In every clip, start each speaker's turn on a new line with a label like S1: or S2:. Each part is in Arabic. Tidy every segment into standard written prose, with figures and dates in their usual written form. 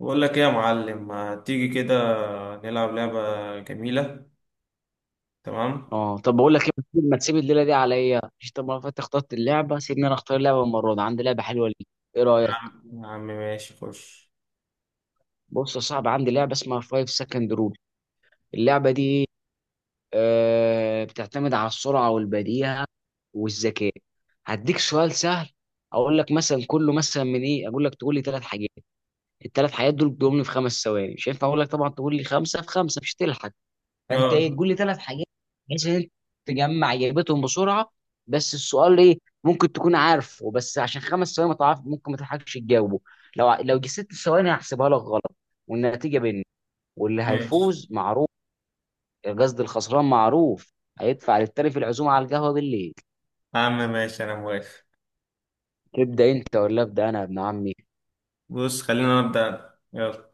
S1: بقول لك ايه يا معلم، ما تيجي كده نلعب لعبة جميلة؟ تمام.
S2: اه طب بقول لك ايه، ما تسيب الليله دي عليا، مش طب ما فاتت اخترت اللعبه، سيبني انا اختار اللعبه المره دي، عندي لعبه حلوه ليك. ايه
S1: يا
S2: رايك؟
S1: عم يا عم ماشي خش.
S2: بص يا صاحبي، عندي لعبه اسمها 5 سكند رول. اللعبه دي ايه؟ بتعتمد على السرعه والبديهه والذكاء. هديك سؤال سهل، اقول لك مثلا كله، مثلا من ايه، اقول لك تقول لي ثلاث حاجات. الثلاث حاجات دول بيقوم لي في خمس ثواني، مش هينفع اقول لك طبعا تقول لي خمسه في خمسه مش هتلحق. فانت ايه،
S1: يلا.
S2: تقول لي ثلاث حاجات بحيث ان انت تجمع اجابتهم بسرعه. بس السؤال ايه؟ ممكن تكون عارفه، بس عشان خمس ثواني ما تعرف ممكن ما تلحقش تجاوبه. لو لو جه ست ثواني هحسبها لك غلط. والنتيجه بيننا، واللي
S1: ماشي.
S2: هيفوز معروف. قصدي الخسران معروف، هيدفع للتاني في العزومه على القهوه بالليل.
S1: يا عم ماشي انا موافق.
S2: تبدا انت ولا ابدا انا يا ابن عمي؟
S1: بص خلينا نبدأ أنا. يلا،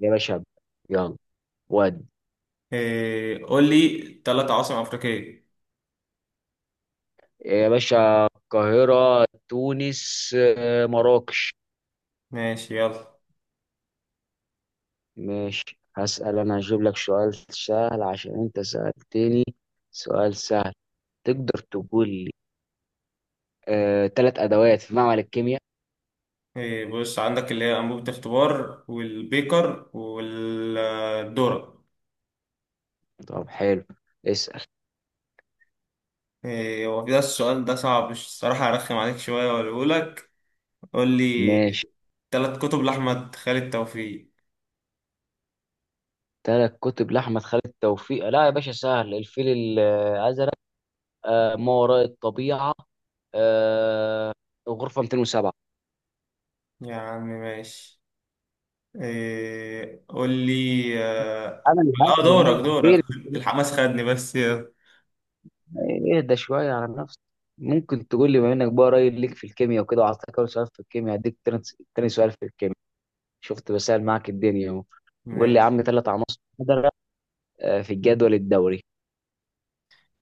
S2: يا باشا ابدأ. يلا ود.
S1: إيه، قول لي ثلاث عواصم أفريقية.
S2: يا باشا، القاهره، تونس، مراكش.
S1: ماشي يلا.
S2: ماشي، هسأل أنا، هجيب لك سؤال سهل عشان أنت سألتني. سؤال سهل، تقدر تقول لي تلات أدوات في معمل الكيمياء؟
S1: إيه، بص عندك اللي هي أنبوبة اختبار والبيكر والذرة.
S2: طب حلو، اسأل.
S1: إيه هو ده؟ السؤال ده صعب الصراحة، أرخم عليك شوية وأقوله لك. قول لي
S2: ماشي،
S1: ثلاث كتب لأحمد خالد توفيق.
S2: تلات كتب لأحمد خالد توفيق؟ لا يا باشا سهل، الفيل الأزرق، ما وراء الطبيعة، آه، غرفة 207.
S1: يا عم ماشي. إيه، قول لي. اه.
S2: أنا اللي هات؟
S1: دورك
S2: فين؟
S1: دورك. الحماس خدني، بس يلا.
S2: اهدى شوية على نفسك. ممكن تقول لي، بما إنك بقى قريب ليك في الكيمياء وكده وعطاك أول سؤال في الكيمياء، هديك تاني، تاني سؤال في الكيمياء. شفت بسأل معاك الدنيا اهو. قول
S1: ماشي.
S2: لي يا عم ثلاث عناصر قدرة في الجدول الدوري.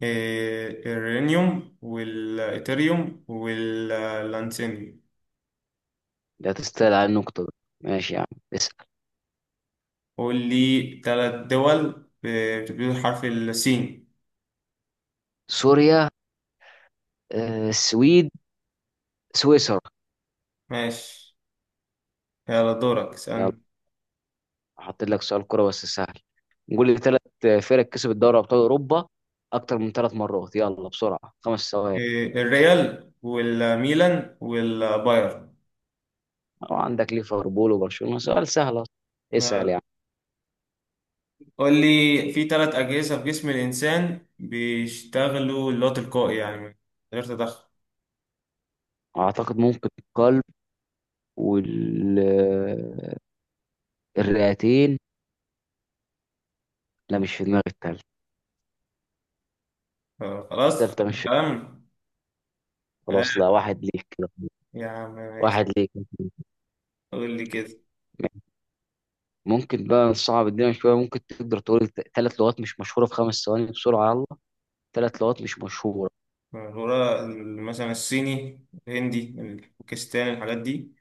S1: إيه الرينيوم والإيثيريوم واللانسينيوم.
S2: ده تستاهل على النقطة دي. ماشي يا عم، اسأل.
S1: قول لي ثلاث دول بتبتدي بحرف السين.
S2: سوريا، السويد، سويسرا.
S1: ماشي يلا، دورك
S2: يلا،
S1: اسألني.
S2: حاطط لك سؤال كرة بس سهل. قول لي ثلاث فرق كسبت دوري أبطال أوروبا أكتر من ثلاث مرات، يلا بسرعة، خمس ثواني.
S1: إيه الريال والميلان والبايرن.
S2: وعندك ليفربول وبرشلونة، سؤال سهل أصلا. اسأل يعني.
S1: قول لي في ثلاث أجهزة في جسم الإنسان بيشتغلوا اللي هو تلقائي يعني من غير تدخل.
S2: أعتقد ممكن القلب والرئتين. لا مش في دماغي التالتة.
S1: خلاص.
S2: التالتة مش
S1: تمام. آه،
S2: خلاص لا، واحد ليك كده.
S1: يا عم ماشي.
S2: واحد ليك.
S1: قول لي كده.
S2: ممكن بقى نصعب الدنيا شوية؟ ممكن تقدر تقول ثلاث لغات مش مشهورة في خمس ثواني بسرعة، يلا. ثلاث لغات مش مشهورة.
S1: مثلا الصيني الهندي الباكستاني الحاجات دي.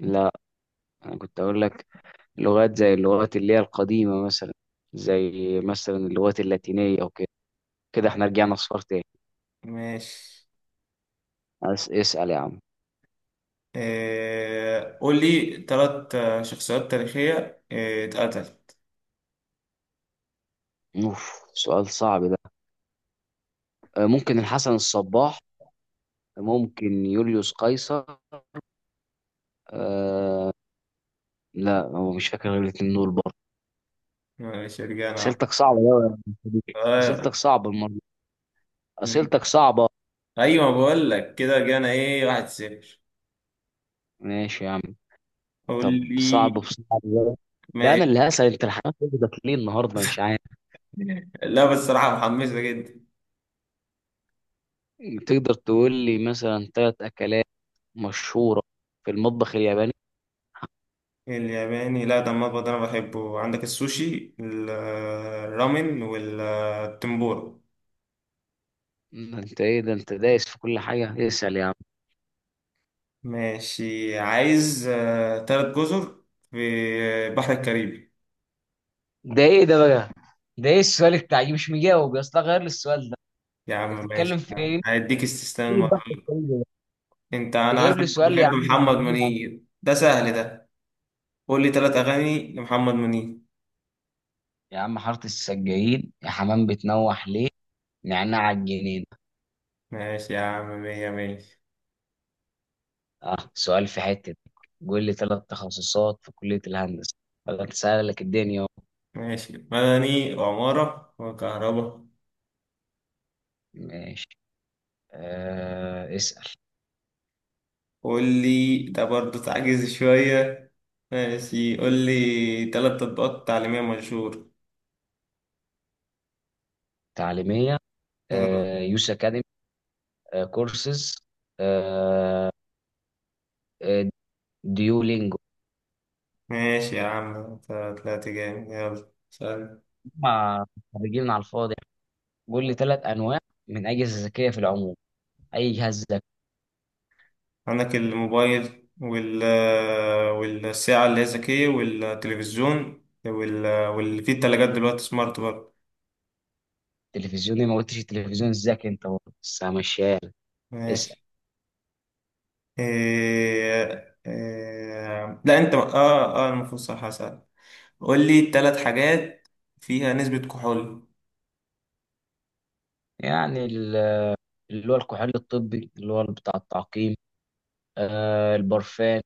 S2: لا، أنا كنت أقول لك لغات زي اللغات اللي هي القديمة مثلا، زي مثلا اللغات اللاتينية أو كده. كده احنا رجعنا صفار تاني.
S1: ماشي.
S2: اسأل يا عم.
S1: قول لي ثلاث شخصيات تاريخية اتقتل.
S2: أوف، سؤال صعب ده. ممكن الحسن الصباح، ممكن يوليوس قيصر، أه لا، هو مش فاكر غير الاتنين دول برضه.
S1: ماشي رجعنا.
S2: أسئلتك صعبة أوي يا أبو حميد.
S1: آه،
S2: أسئلتك صعبة، اسئلتك صعبه.
S1: أيوة، بقول لك كده رجعنا إيه، واحد صفر.
S2: ماشي يا عم.
S1: قول
S2: طب صعب
S1: لي.
S2: في صعب بقى. لا انا اللي
S1: ماشي.
S2: هسأل، انت الحمام واخدك ليه النهارده مش عارف.
S1: لا بس الصراحة محمسة جدا.
S2: تقدر تقول لي مثلا ثلاث اكلات مشهوره في المطبخ الياباني؟
S1: الياباني؟ لا ده المطبخ ده أنا بحبه، عندك السوشي الرامن والتمبورا.
S2: ده انت ايه، ده انت دايس في كل حاجه، اسأل يا عم.
S1: ماشي، عايز تلات جزر في البحر الكاريبي.
S2: ده ايه ده بقى؟ ده ايه السؤال بتاعي، مش مجاوب يا اسطى، غير لي السؤال ده.
S1: يا
S2: انت
S1: عم ماشي
S2: بتتكلم في
S1: يا عم.
S2: ايه؟
S1: هيديك استثناء
S2: إيه البحث
S1: المرة
S2: السريع ده؟
S1: دي. أنت
S2: انت
S1: أنا
S2: جايب
S1: عارف
S2: لي
S1: أنت
S2: سؤال
S1: بتحب
S2: يا عم،
S1: محمد
S2: يا عم.
S1: منير، ده سهل ده. قول لي تلات أغاني لمحمد منير.
S2: يا عم حاره السجايين، يا حمام بتنوح ليه، نعناع الجنين.
S1: ماشي يا عم، مية مية.
S2: اه سؤال في حتة، قول لي ثلاث تخصصات في كلية الهندسة. بدأت أسألك الدنيا أهو.
S1: ماشي، مدني وعمارة وكهرباء.
S2: ماشي، آه اسأل.
S1: قول لي، ده برضه تعجز شوية. ماشي، قول لي تلات تطبيقات تعليمية مشهور.
S2: تعليمية.
S1: آه،.
S2: آه يوس أكاديمي، آه كورسز، آه آه، ديولينجو.
S1: ماشي يا عم، انت طلعت جامد، يلا سأل.
S2: مع خريجين على الفاضي. قول لي ثلاث أنواع من أجهزة ذكية في العموم، أي جهاز ذكي.
S1: عندك الموبايل والساعة اللي هي ذكية والتلفزيون واللي فيه التلاجات دلوقتي سمارت برضه.
S2: تلفزيوني ما قلتش التلفزيون الذكي أنت برضه، بس ماشية. اسأل
S1: ماشي. لا انت، اه المفروض صح هسأل. قول لي تلات حاجات فيها نسبة كحول.
S2: يعني. اللي هو الكحول الطبي اللي هو بتاع التعقيم، آه البرفان،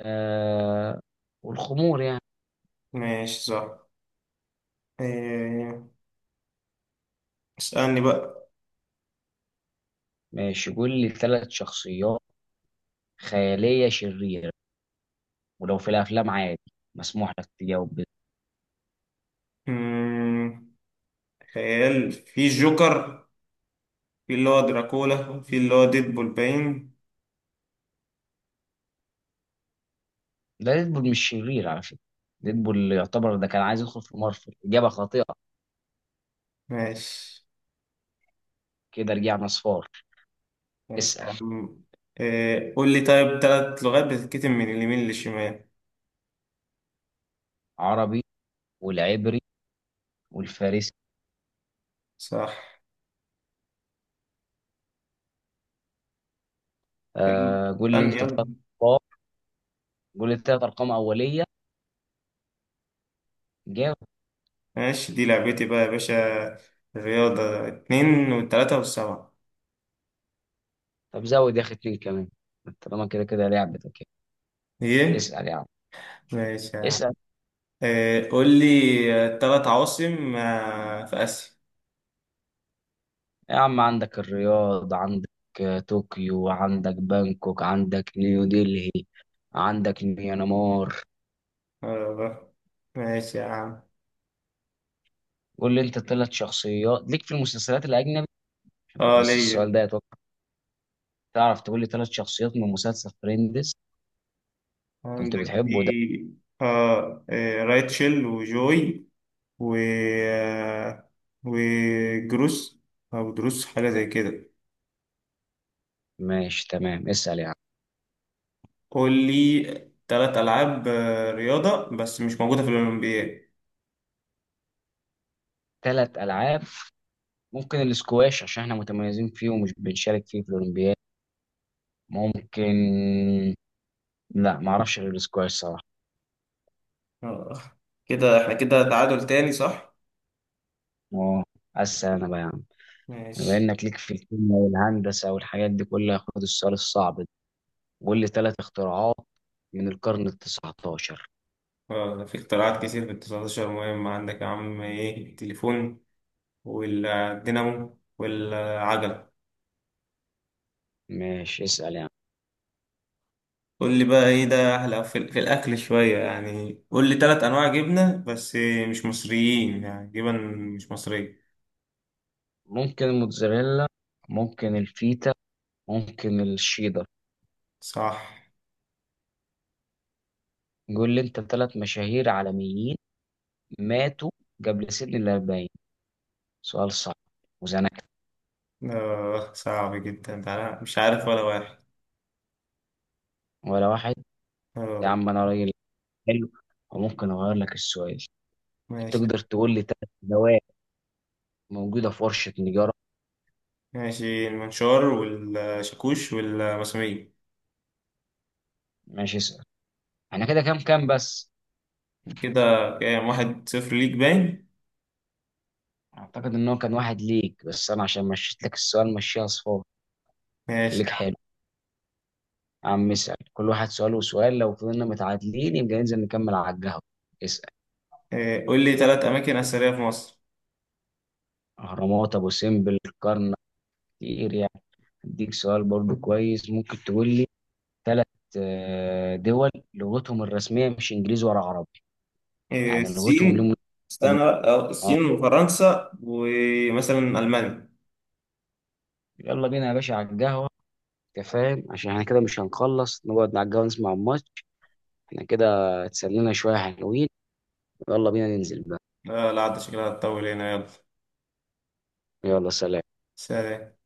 S2: آه والخمور يعني.
S1: ماشي صح. إيه... اسألني بقى.
S2: ماشي قول لي ثلاث شخصيات خيالية شريرة، ولو في الأفلام عادي، مسموح لك تجاوب بس.
S1: مم. خيال، في جوكر، في اللي هو دراكولا، وفي اللي هو ديدبول باين.
S2: ده ديدبول مش شرير على فكرة، ديدبول يعتبر ده كان عايز يدخل في مارفل، إجابة خاطئة.
S1: ماشي.
S2: كده رجعنا صفار.
S1: ماشي يا
S2: اسأل.
S1: عم. إيه. قول لي طيب تلات لغات بتتكتب من اليمين للشمال.
S2: عربي، والعبري، والفارسي.
S1: صح. يلا.
S2: آه قول لي
S1: استنى
S2: أنت ثلاث
S1: يلا.
S2: أرقام، قول لي ثلاث أرقام أولية. جاوب.
S1: ماشي، دي لعبتي بقى يا باشا، الرياضة، اتنين والتلاتة والسبعة.
S2: طب زود يا أخي اتنين كمان، طالما كده كده لعبتك يعني.
S1: ايه.
S2: اسأل يا عم.
S1: ماشي يا عم.
S2: اسأل
S1: إيه. قول لي تلات عواصم في آسيا.
S2: يا عم، عندك الرياض، عندك طوكيو، عندك بانكوك، عندك نيو ديلي، عندك ميانمار.
S1: آه،. ماشي يا عم.
S2: قول لي انت ثلاث شخصيات ليك في المسلسلات الاجنبي.
S1: اه
S2: بس السؤال
S1: ليا.
S2: ده اتوقع تعرف، تقول لي ثلاث شخصيات من مسلسل فريندز،
S1: عندك
S2: كنت
S1: في
S2: بتحبه ده.
S1: رايتشل وجوي، و وجروس أو دروس، حاجة زي كده.
S2: ماشي تمام، اسال يعني.
S1: قول لي تلات ألعاب رياضة بس مش موجودة في الأولمبياد.
S2: ثلاث العاب، ممكن الاسكواش عشان احنا متميزين فيه ومش بنشارك فيه في الاولمبياد. ممكن، لا ما اعرفش غير الاسكواش صراحه.
S1: آه، كده احنا كده تعادل تاني صح؟
S2: اه، اسال انا بقى يا عم. بما
S1: ماشي.
S2: انك ليك في الكيمياء والهندسه والحاجات دي كلها، خد السؤال الصعب ده. قول لي ثلاث اختراعات من القرن ال 19.
S1: آه، ده في اختراعات كتير في ال 19. مهم، عندك يا عم، ايه، التليفون والدينامو والعجلة.
S2: ماشي اسال يعني.
S1: قول لي بقى، ايه ده احلى، في الاكل شويه، يعني قول لي ثلاث انواع جبنه بس مش مصريين، يعني جبن مش مصريه.
S2: ممكن الموتزاريلا، ممكن الفيتا، ممكن الشيدر.
S1: صح.
S2: قول لي انت ثلاث مشاهير عالميين ماتوا قبل سن ال 40. سؤال صعب، وزنك.
S1: آه صعب جدا ده، أنا مش عارف ولا واحد.
S2: ولا واحد؟ يا
S1: اه.
S2: عم انا راجل حلو، وممكن اغير لك السؤال.
S1: ماشي.
S2: تقدر تقول لي ثلاث دواء موجوده في ورشه نجاره؟
S1: ماشي، المنشار والشاكوش والمسامير.
S2: ماشي اسال. انا كده كام كام بس؟
S1: كده كام؟ واحد صفر ليك باين.
S2: اعتقد ان هو كان واحد ليك، بس انا عشان مشيت لك السؤال مشيها صفار.
S1: ماشي.
S2: خليك حلو يا عم، اسال كل واحد سؤال وسؤال، لو فضلنا متعادلين يبقى ننزل نكمل على القهوه. اسال.
S1: آه قول لي ثلاث اماكن اثريه في مصر.
S2: اهرامات، ابو سمبل، كرنك. كتير يعني. اديك سؤال برضو كويس، ممكن تقول لي ثلاث دول لغتهم الرسميه مش انجليزي ولا عربي.
S1: آه
S2: يعني لغتهم
S1: الصين.
S2: لهم.
S1: استنى
S2: عربي.
S1: بقى، آه،
S2: اه
S1: الصين وفرنسا ومثلا المانيا.
S2: يلا بينا يا باشا على القهوه. انت فاهم، عشان احنا كده مش هنخلص، نقعد على القهوه نسمع الماتش. احنا كده اتسلينا شويه، حلوين. يلا بينا ننزل بقى.
S1: لا لا، عاد شكلها هتطول، هنا يلا.
S2: يلا، سلام.
S1: سلام.